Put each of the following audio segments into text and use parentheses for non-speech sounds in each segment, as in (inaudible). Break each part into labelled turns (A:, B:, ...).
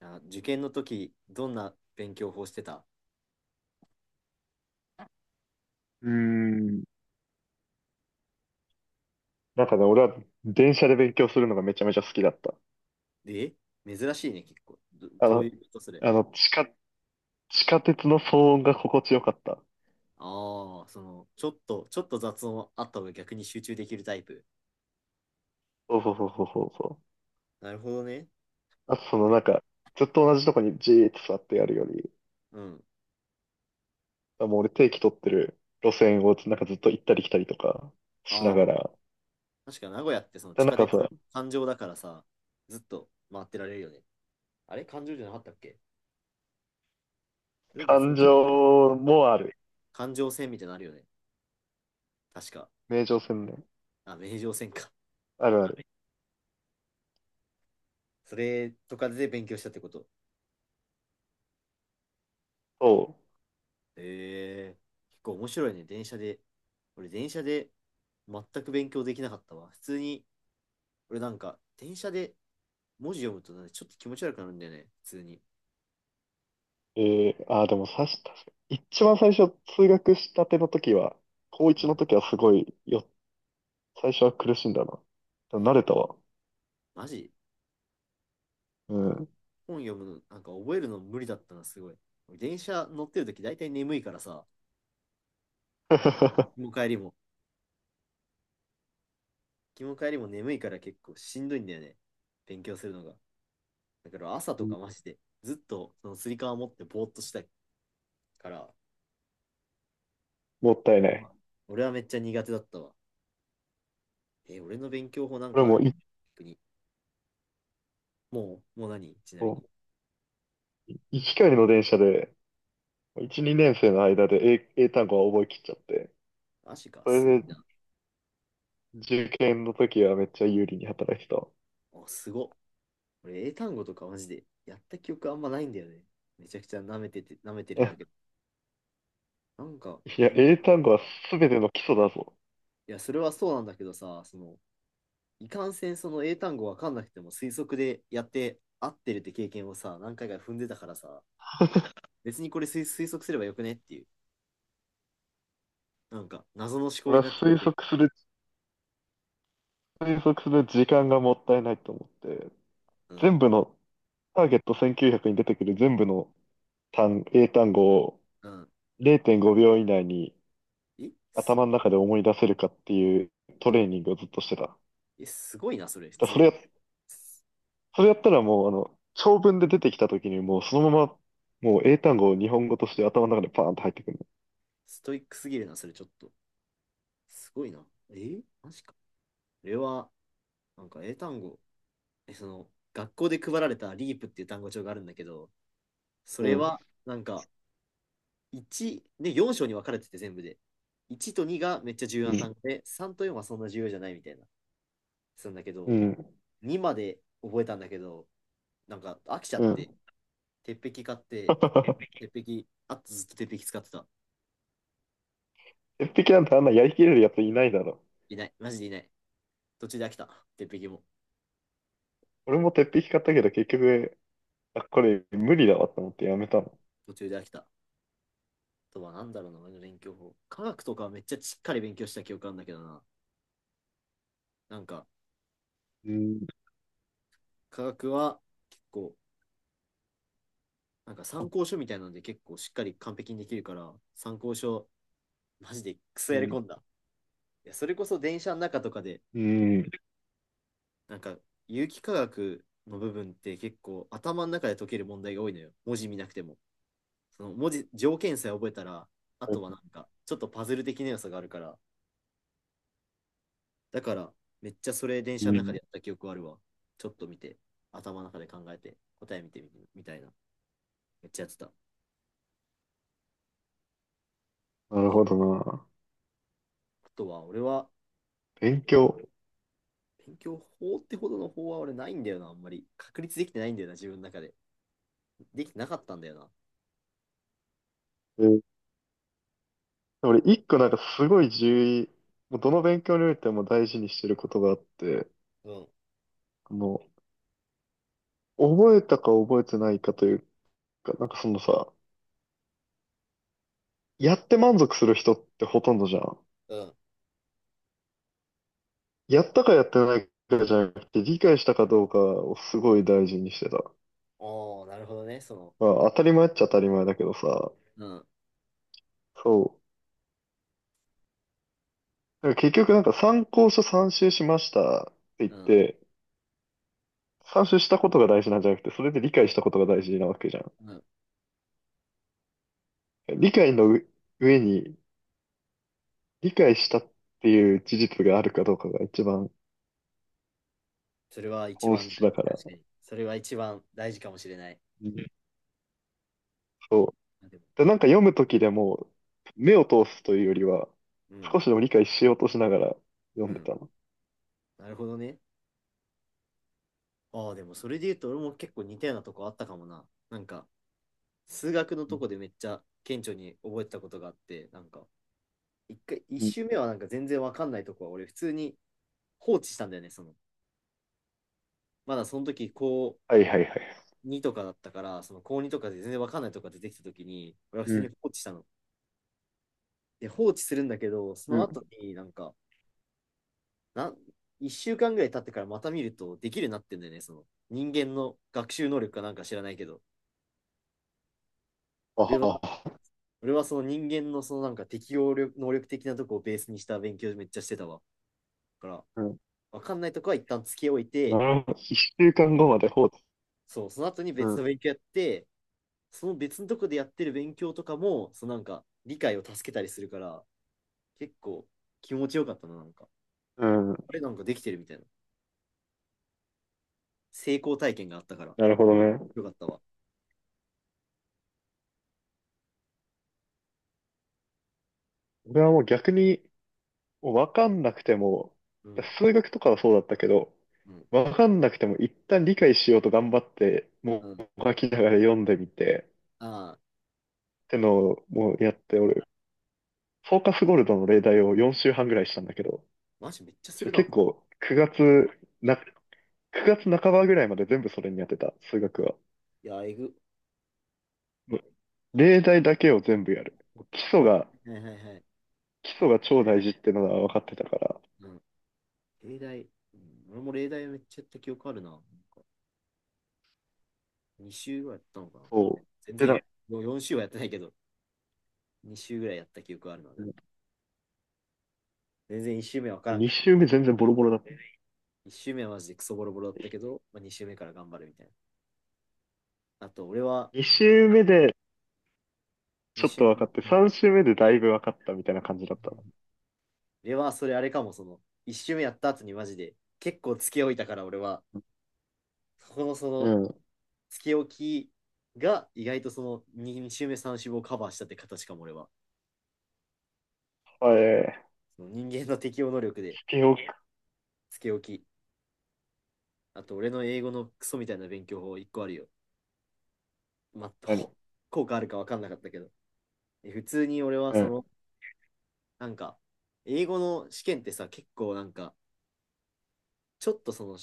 A: あ、受験の時、どんな勉強法してた？
B: うーん。なんかね、俺は電車で勉強するのがめちゃめちゃ好きだった。
A: で、珍しいね、結構。ど、
B: あ
A: どうい
B: の、
A: うことそれ？
B: あの、地下鉄の騒音が心地よかった。
A: ああ、その、ちょっと雑音あった方が逆に集中できるタイプ？
B: そうそうそうそうそうそう。
A: なるほどね。
B: あとそのなんか、ずっと同じとこにじーっと座ってやるより、
A: うん。
B: あもう俺定期取ってる路線をなんかずっと行ったり来たりとかしなが
A: ああ、
B: ら、
A: 確か名古屋ってその
B: で、
A: 地
B: なん
A: 下
B: か
A: 鉄、
B: さ、
A: 環状だからさ、ずっと回ってられるよね。あれ環状じゃなかったっけ？それ別の
B: 感情もある。
A: 環状線みたいなのあるよね。確か。
B: 名城線ね。
A: あ、名城線か。
B: あるある。
A: それとかで勉強したってこと？
B: そ
A: ええ、結構面白いね、電車で。俺、電車で全く勉強できなかったわ、普通に。俺なんか、電車で文字読むとなんかちょっと気持ち悪くなるんだよね、普通に。
B: う。でもさし、確かに一番最初通学したての時は、高
A: う
B: 1
A: ん。
B: の時はすごいよ。最初は苦しんだな。で
A: え、
B: も慣れたわ。
A: マジ？
B: う
A: なんか、
B: ん。
A: 本読むの、なんか覚えるの無理だったな、すごい。俺電車乗ってるとき大体眠いからさ、行きも
B: (laughs)
A: 帰りも。行きも帰りも眠いから結構しんどいんだよね、勉強するのが。だから朝
B: う
A: と
B: ん。
A: かマジで、ずっとそのつり革持ってぼーっとしたいから、
B: もったいな
A: 俺
B: い。
A: は俺はめっちゃ苦手だったわ。俺の勉強法なん
B: 俺
A: かある
B: も
A: かな、
B: い、
A: 逆に。もう何、ちなみに？
B: 1回の電車で、1、2年生の間で英単語は覚えきっちゃって、
A: マジか、
B: そ
A: すごい
B: れで
A: な。
B: 受験の時はめっちゃ有利に働いてたわ。
A: あ、すごっ。俺、英単語とかマジでやった記憶あんまないんだよね。めちゃくちゃ舐めてて、舐めて
B: (laughs)
A: るん
B: え
A: だけど。なんか、
B: いや、英単語は全ての基礎だぞ。
A: いや、それはそうなんだけどさ、その、いかんせんその英単語わかんなくても推測でやって合ってるって経験をさ、何回か踏んでたからさ、別にこれ推測すればよくねっていう、なんか謎の思考
B: 俺
A: に
B: は
A: なっちゃっ
B: 推
A: て。
B: 測する、推測する時間がもったいないと思って、
A: う
B: 全
A: ん。
B: 部の、ターゲット1900に出てくる全部の英単語を
A: うん。
B: 0.5秒以内に
A: え、すご、
B: 頭の中で思い出せるかっていうトレーニングをずっとしてた。だか
A: え、すごいな、それ、普
B: ら
A: 通
B: それ
A: に。
B: や、それやったらもう、あの、長文で出てきた時にもうそのまま、もう英単語を日本語として頭の中でパーンと入ってくる
A: ストイックすぎるな、それちょっと。すごいな。マジか。これは、なんか英単語、その、学校で配られたリープっていう単語帳があるんだけど、それ
B: の。
A: は、なんか、1、ね、4章に分かれてて全部で。1と2がめっちゃ重要
B: うん、
A: な
B: う
A: 単
B: ん、
A: 語で、3と4はそんな重要じゃないみたいな、するんだけ
B: う
A: ど、
B: ん、
A: 2まで覚えたんだけど、なんか飽きちゃ
B: う
A: って、
B: ん。
A: 鉄壁買って、
B: (laughs)
A: 鉄壁、あとずっと鉄壁使ってた。
B: 鉄壁なんてあんなやりきれるやついないだろ。
A: いない。マジでいない。途中で飽きた、鉄壁も。
B: 俺も鉄壁買ったけど結局、あ、これ無理だわと思ってやめたの。
A: 途中で飽きた。とはなんだろうな、俺の勉強法。科学とかはめっちゃしっかり勉強した記憶あるんだけどな。なんか、
B: うん、
A: 科学は結構、なんか参考書みたいなので結構しっかり完璧にできるから、参考書、マジでクソ
B: う
A: やり
B: ん、
A: 込んだ。いや、それこそ電車の中とかで、
B: うん、
A: なんか、有機化学の部分って結構頭の中で解ける問題が多いのよ、文字見なくても。その文字、条件さえ覚えたら、あとはなんか、ちょっとパズル的な要素があるから、だから、めっちゃそれ電車
B: う
A: の中
B: ん。
A: でやった記憶あるわ。ちょっと見て、頭の中で考えて、答え見てみてみたいな。めっちゃやってた。あ
B: なるほどな。
A: とは、俺は、
B: 勉強。
A: 勉強法ってほどの法は俺ないんだよな、あんまり。確立できてないんだよな、自分の中で。できてなかったんだよな。
B: 俺、一個なんかすごい重要、もうどの勉強においても大事にしてることがあって、
A: うん、
B: もう、覚えたか覚えてないかというか、なんかそのさ、やって満足する人ってほとんどじゃん。
A: うん。
B: やったかやってないかじゃなくて、理解したかどうかをすごい大事にしてた。
A: おー、なるほどね、その。
B: まあ、当たり前っちゃ当たり前だけどさ、
A: うん、
B: そう。だから結局なんか参考書参集しましたって言っ
A: うん、
B: て、参集したことが大事なんじゃなくて、それで理解したことが大事なわけじゃん。
A: うん。
B: 理解の上に理解したっていう事実があるかどうかが一番
A: それは一
B: 本
A: 番
B: 質
A: 大
B: だ
A: 事、
B: から。
A: 確か
B: う
A: に。それは一番大事かもしれない。
B: ん、そう。
A: あ、でも、
B: で、なんか読むときでも、目を通すというよりは、
A: うん、
B: 少しでも理解しようとしながら読
A: う
B: んで
A: ん。
B: たの。
A: なるほどね。ああ、でもそれで言うと俺も結構似たようなとこあったかもな。なんか、数学の
B: う
A: とこ
B: ん、
A: でめっちゃ顕著に覚えてたことがあって、なんか、一
B: うん、
A: 周目はなんか全然わかんないとこは、俺普通に放置したんだよね、その。まだその時、高
B: はいはいはい。
A: 2とかだったから、その高2とかで全然わかんないとこが出てきた時に、俺は普
B: う
A: 通に
B: ん。
A: 放置したの。で、放置するんだけど、そ
B: う
A: の後
B: ん。
A: になんか、なん、一週間ぐらい経ってからまた見ると、できるようになってんだよね、その。人間の学習能力かなんか知らないけど。俺
B: あ
A: は、
B: は、
A: 俺はその人間のそのなんか適応力能力的なとこをベースにした勉強めっちゃしてたわ。だから、
B: うん。
A: わかんないとこは一旦つけおい
B: な
A: て、
B: るほど。一週間後まで放置。
A: そう、その後に
B: う
A: 別
B: ん。
A: の勉強やって、その別のとこでやってる勉強とかも、そのなんか理解を助けたりするから、結構気持ちよかったな、なんか。
B: うん。
A: あれ、なんかできてるみたいな。成功体験があったから、
B: なるほどね。
A: よかったわ。
B: 俺はもう逆に、わかんなくても、
A: うん、
B: 数学とかはそうだったけど、
A: うん、
B: わかんなくても一旦理解しようと頑張って、
A: う
B: も
A: ん。
B: う書きながら読んでみて、
A: ああ、
B: ってのをもうやって、俺、フォーカスゴールドの例題を4週半ぐらいしたんだけど、
A: マジめっちゃするな。
B: 結構9月な、9月半ばぐらいまで全部それにやってた、数学は。
A: いや、えぐ。
B: もう例題だけを全部やる。基礎が、
A: はいはいはい。
B: 基礎が超大事ってのは分かってたから、
A: うん、例題、うん、俺も例題めっちゃやった記憶あるな。なんか2週ぐらいやったのかな。
B: そ
A: 全
B: う。で、
A: 然、4週はやってないけど、2週ぐらいやった記憶あるな、でも。全然1週目わからん。
B: 2週目全然ボロボロだった。
A: 1周目はマジでクソボロボロだったけど、まあ、2周目から頑張るみたいな。あと、俺は
B: 2週目で、
A: 2
B: ちょっ
A: 周
B: と
A: 目。
B: 分かって、3周目でだいぶ分かったみたいな感じだったの。
A: 俺はそれあれかも、その、1周目やった後にマジで、結構つけ置いたから俺は、そこのそ
B: う
A: の、
B: ん、
A: つけ置きが意外とその 2, 周目3周目をカバーしたって形かも俺は。
B: あ、え
A: その人間の適応能力
B: ー、
A: で、
B: スピンオフ、
A: つけ置き。あと、俺の英語のクソみたいな勉強法1個あるよ。まあ、
B: 何、
A: 効果あるか分かんなかったけど。普通に俺は
B: う
A: そ
B: ん、
A: の、なんか、英語の試験ってさ、結構なんか、ちょっとその、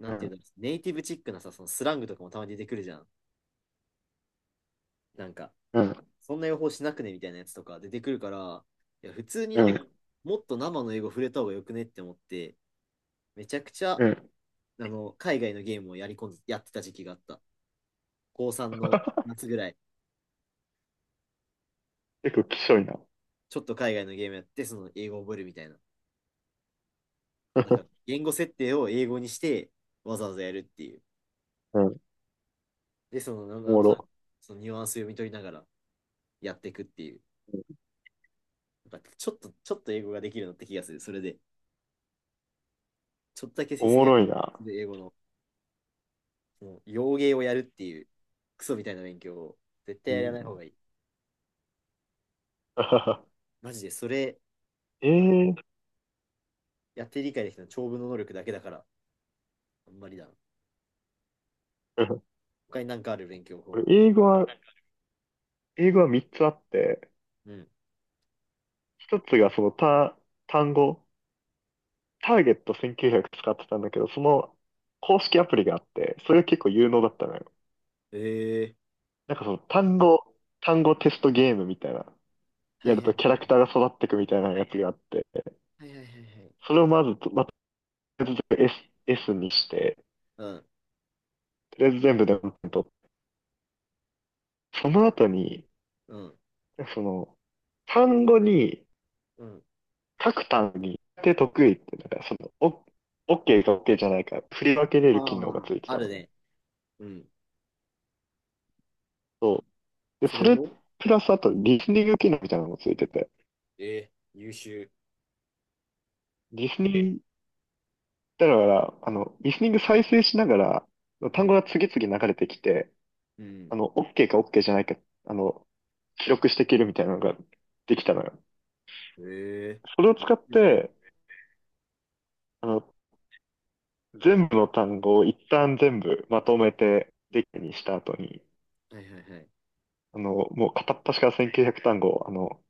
A: な
B: う
A: んていうん
B: ん、
A: だろう、ネイティブチックなさ、そのスラングとかもたまに出てくるじゃん。なんか、
B: うん、
A: そんな予報しなくねみたいなやつとか出てくるから、いや、普通に
B: う
A: なんか、
B: ん、
A: もっと生の英語触れた方がよくねって思って、めちゃくちゃ、
B: うん。
A: 海外のゲームをやり込んで、やってた時期があった。高3の夏ぐらい、
B: 結構きしょいな。
A: ちょっと海外のゲームやって、その英語を覚えるみたいな。なんか、
B: (laughs)
A: 言語設定を英語にして、わざわざやるっていう。
B: うん、
A: で、その、なん
B: お
A: なん
B: も
A: となく、
B: ろ。
A: そのニュアンス読み取りながらやっていくっていう。
B: うん、
A: なんかちょっと英語ができるようになった気がする、それで。ちょっとだけ成
B: お
A: 績
B: も
A: が、
B: ろいな。
A: で英語の、もう、洋芸をやるっていう、クソみたいな勉強を、絶対
B: う
A: やら
B: ん。
A: ない方がいい。
B: (laughs)
A: マジで、それ、
B: ええー、
A: やって理解できたの長文の能力だけだから、あんまりだな。
B: うん、
A: 他になんかある勉強
B: 俺、
A: 法？
B: 英語は3つあって、
A: うん。
B: 1つがその単語、ターゲット1900使ってたんだけど、その公式アプリがあって、それが結構有能だったのよ。
A: えー
B: なんかその単語テストゲームみたいな。やるとキャラクターが育ってくみたいなやつがあって、
A: はいはいはいはいはいはい。
B: それをまずと、まあ、とりあえず S、S にして、
A: うん。
B: とりあえず全部で4点取って、その後に、
A: うん。
B: その、単語に、
A: うん。
B: 各単語に、で得意って、なんかその、OK か OK じゃないか、振り分けれる機能が
A: あ
B: ついて
A: あ、あ
B: た
A: る
B: のね。
A: ね。うん。
B: そう。で、
A: そ
B: そ
A: れ
B: れ、
A: を、
B: プラスあと、リスニング機能みたいなのもついてて、
A: ええ、優秀。
B: リスニング、だから、あの、リスニング再生しながら、
A: う
B: 単
A: ん。
B: 語が次々流れてきて、
A: うん。
B: あの、OK か OK じゃないか、あの、記録していけるみたいなのができたのよ。
A: えー
B: それを
A: 優
B: 使っ
A: 秀ね、
B: て、あの、全部の単語を一旦全部まとめてデッキにした後に、
A: はいはいはい。
B: あの、もう片っ端から1900単語、あの、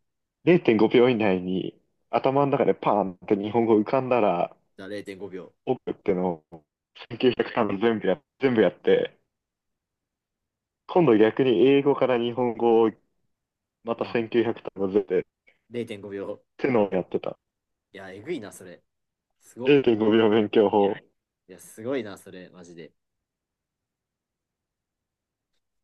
B: 0.5秒以内に頭の中でパーンって日本語浮かんだら、
A: 0.5秒。
B: 奥ってのを1900単語全部やって、今度逆に英語から日本語をまた
A: な、
B: 1900単語全部でっ
A: 0.5
B: ての
A: 秒。
B: をやってた。
A: いや、えぐいな、それ。すごっ。
B: 0.5秒勉強法。
A: いや、すごいな、それ、マジで。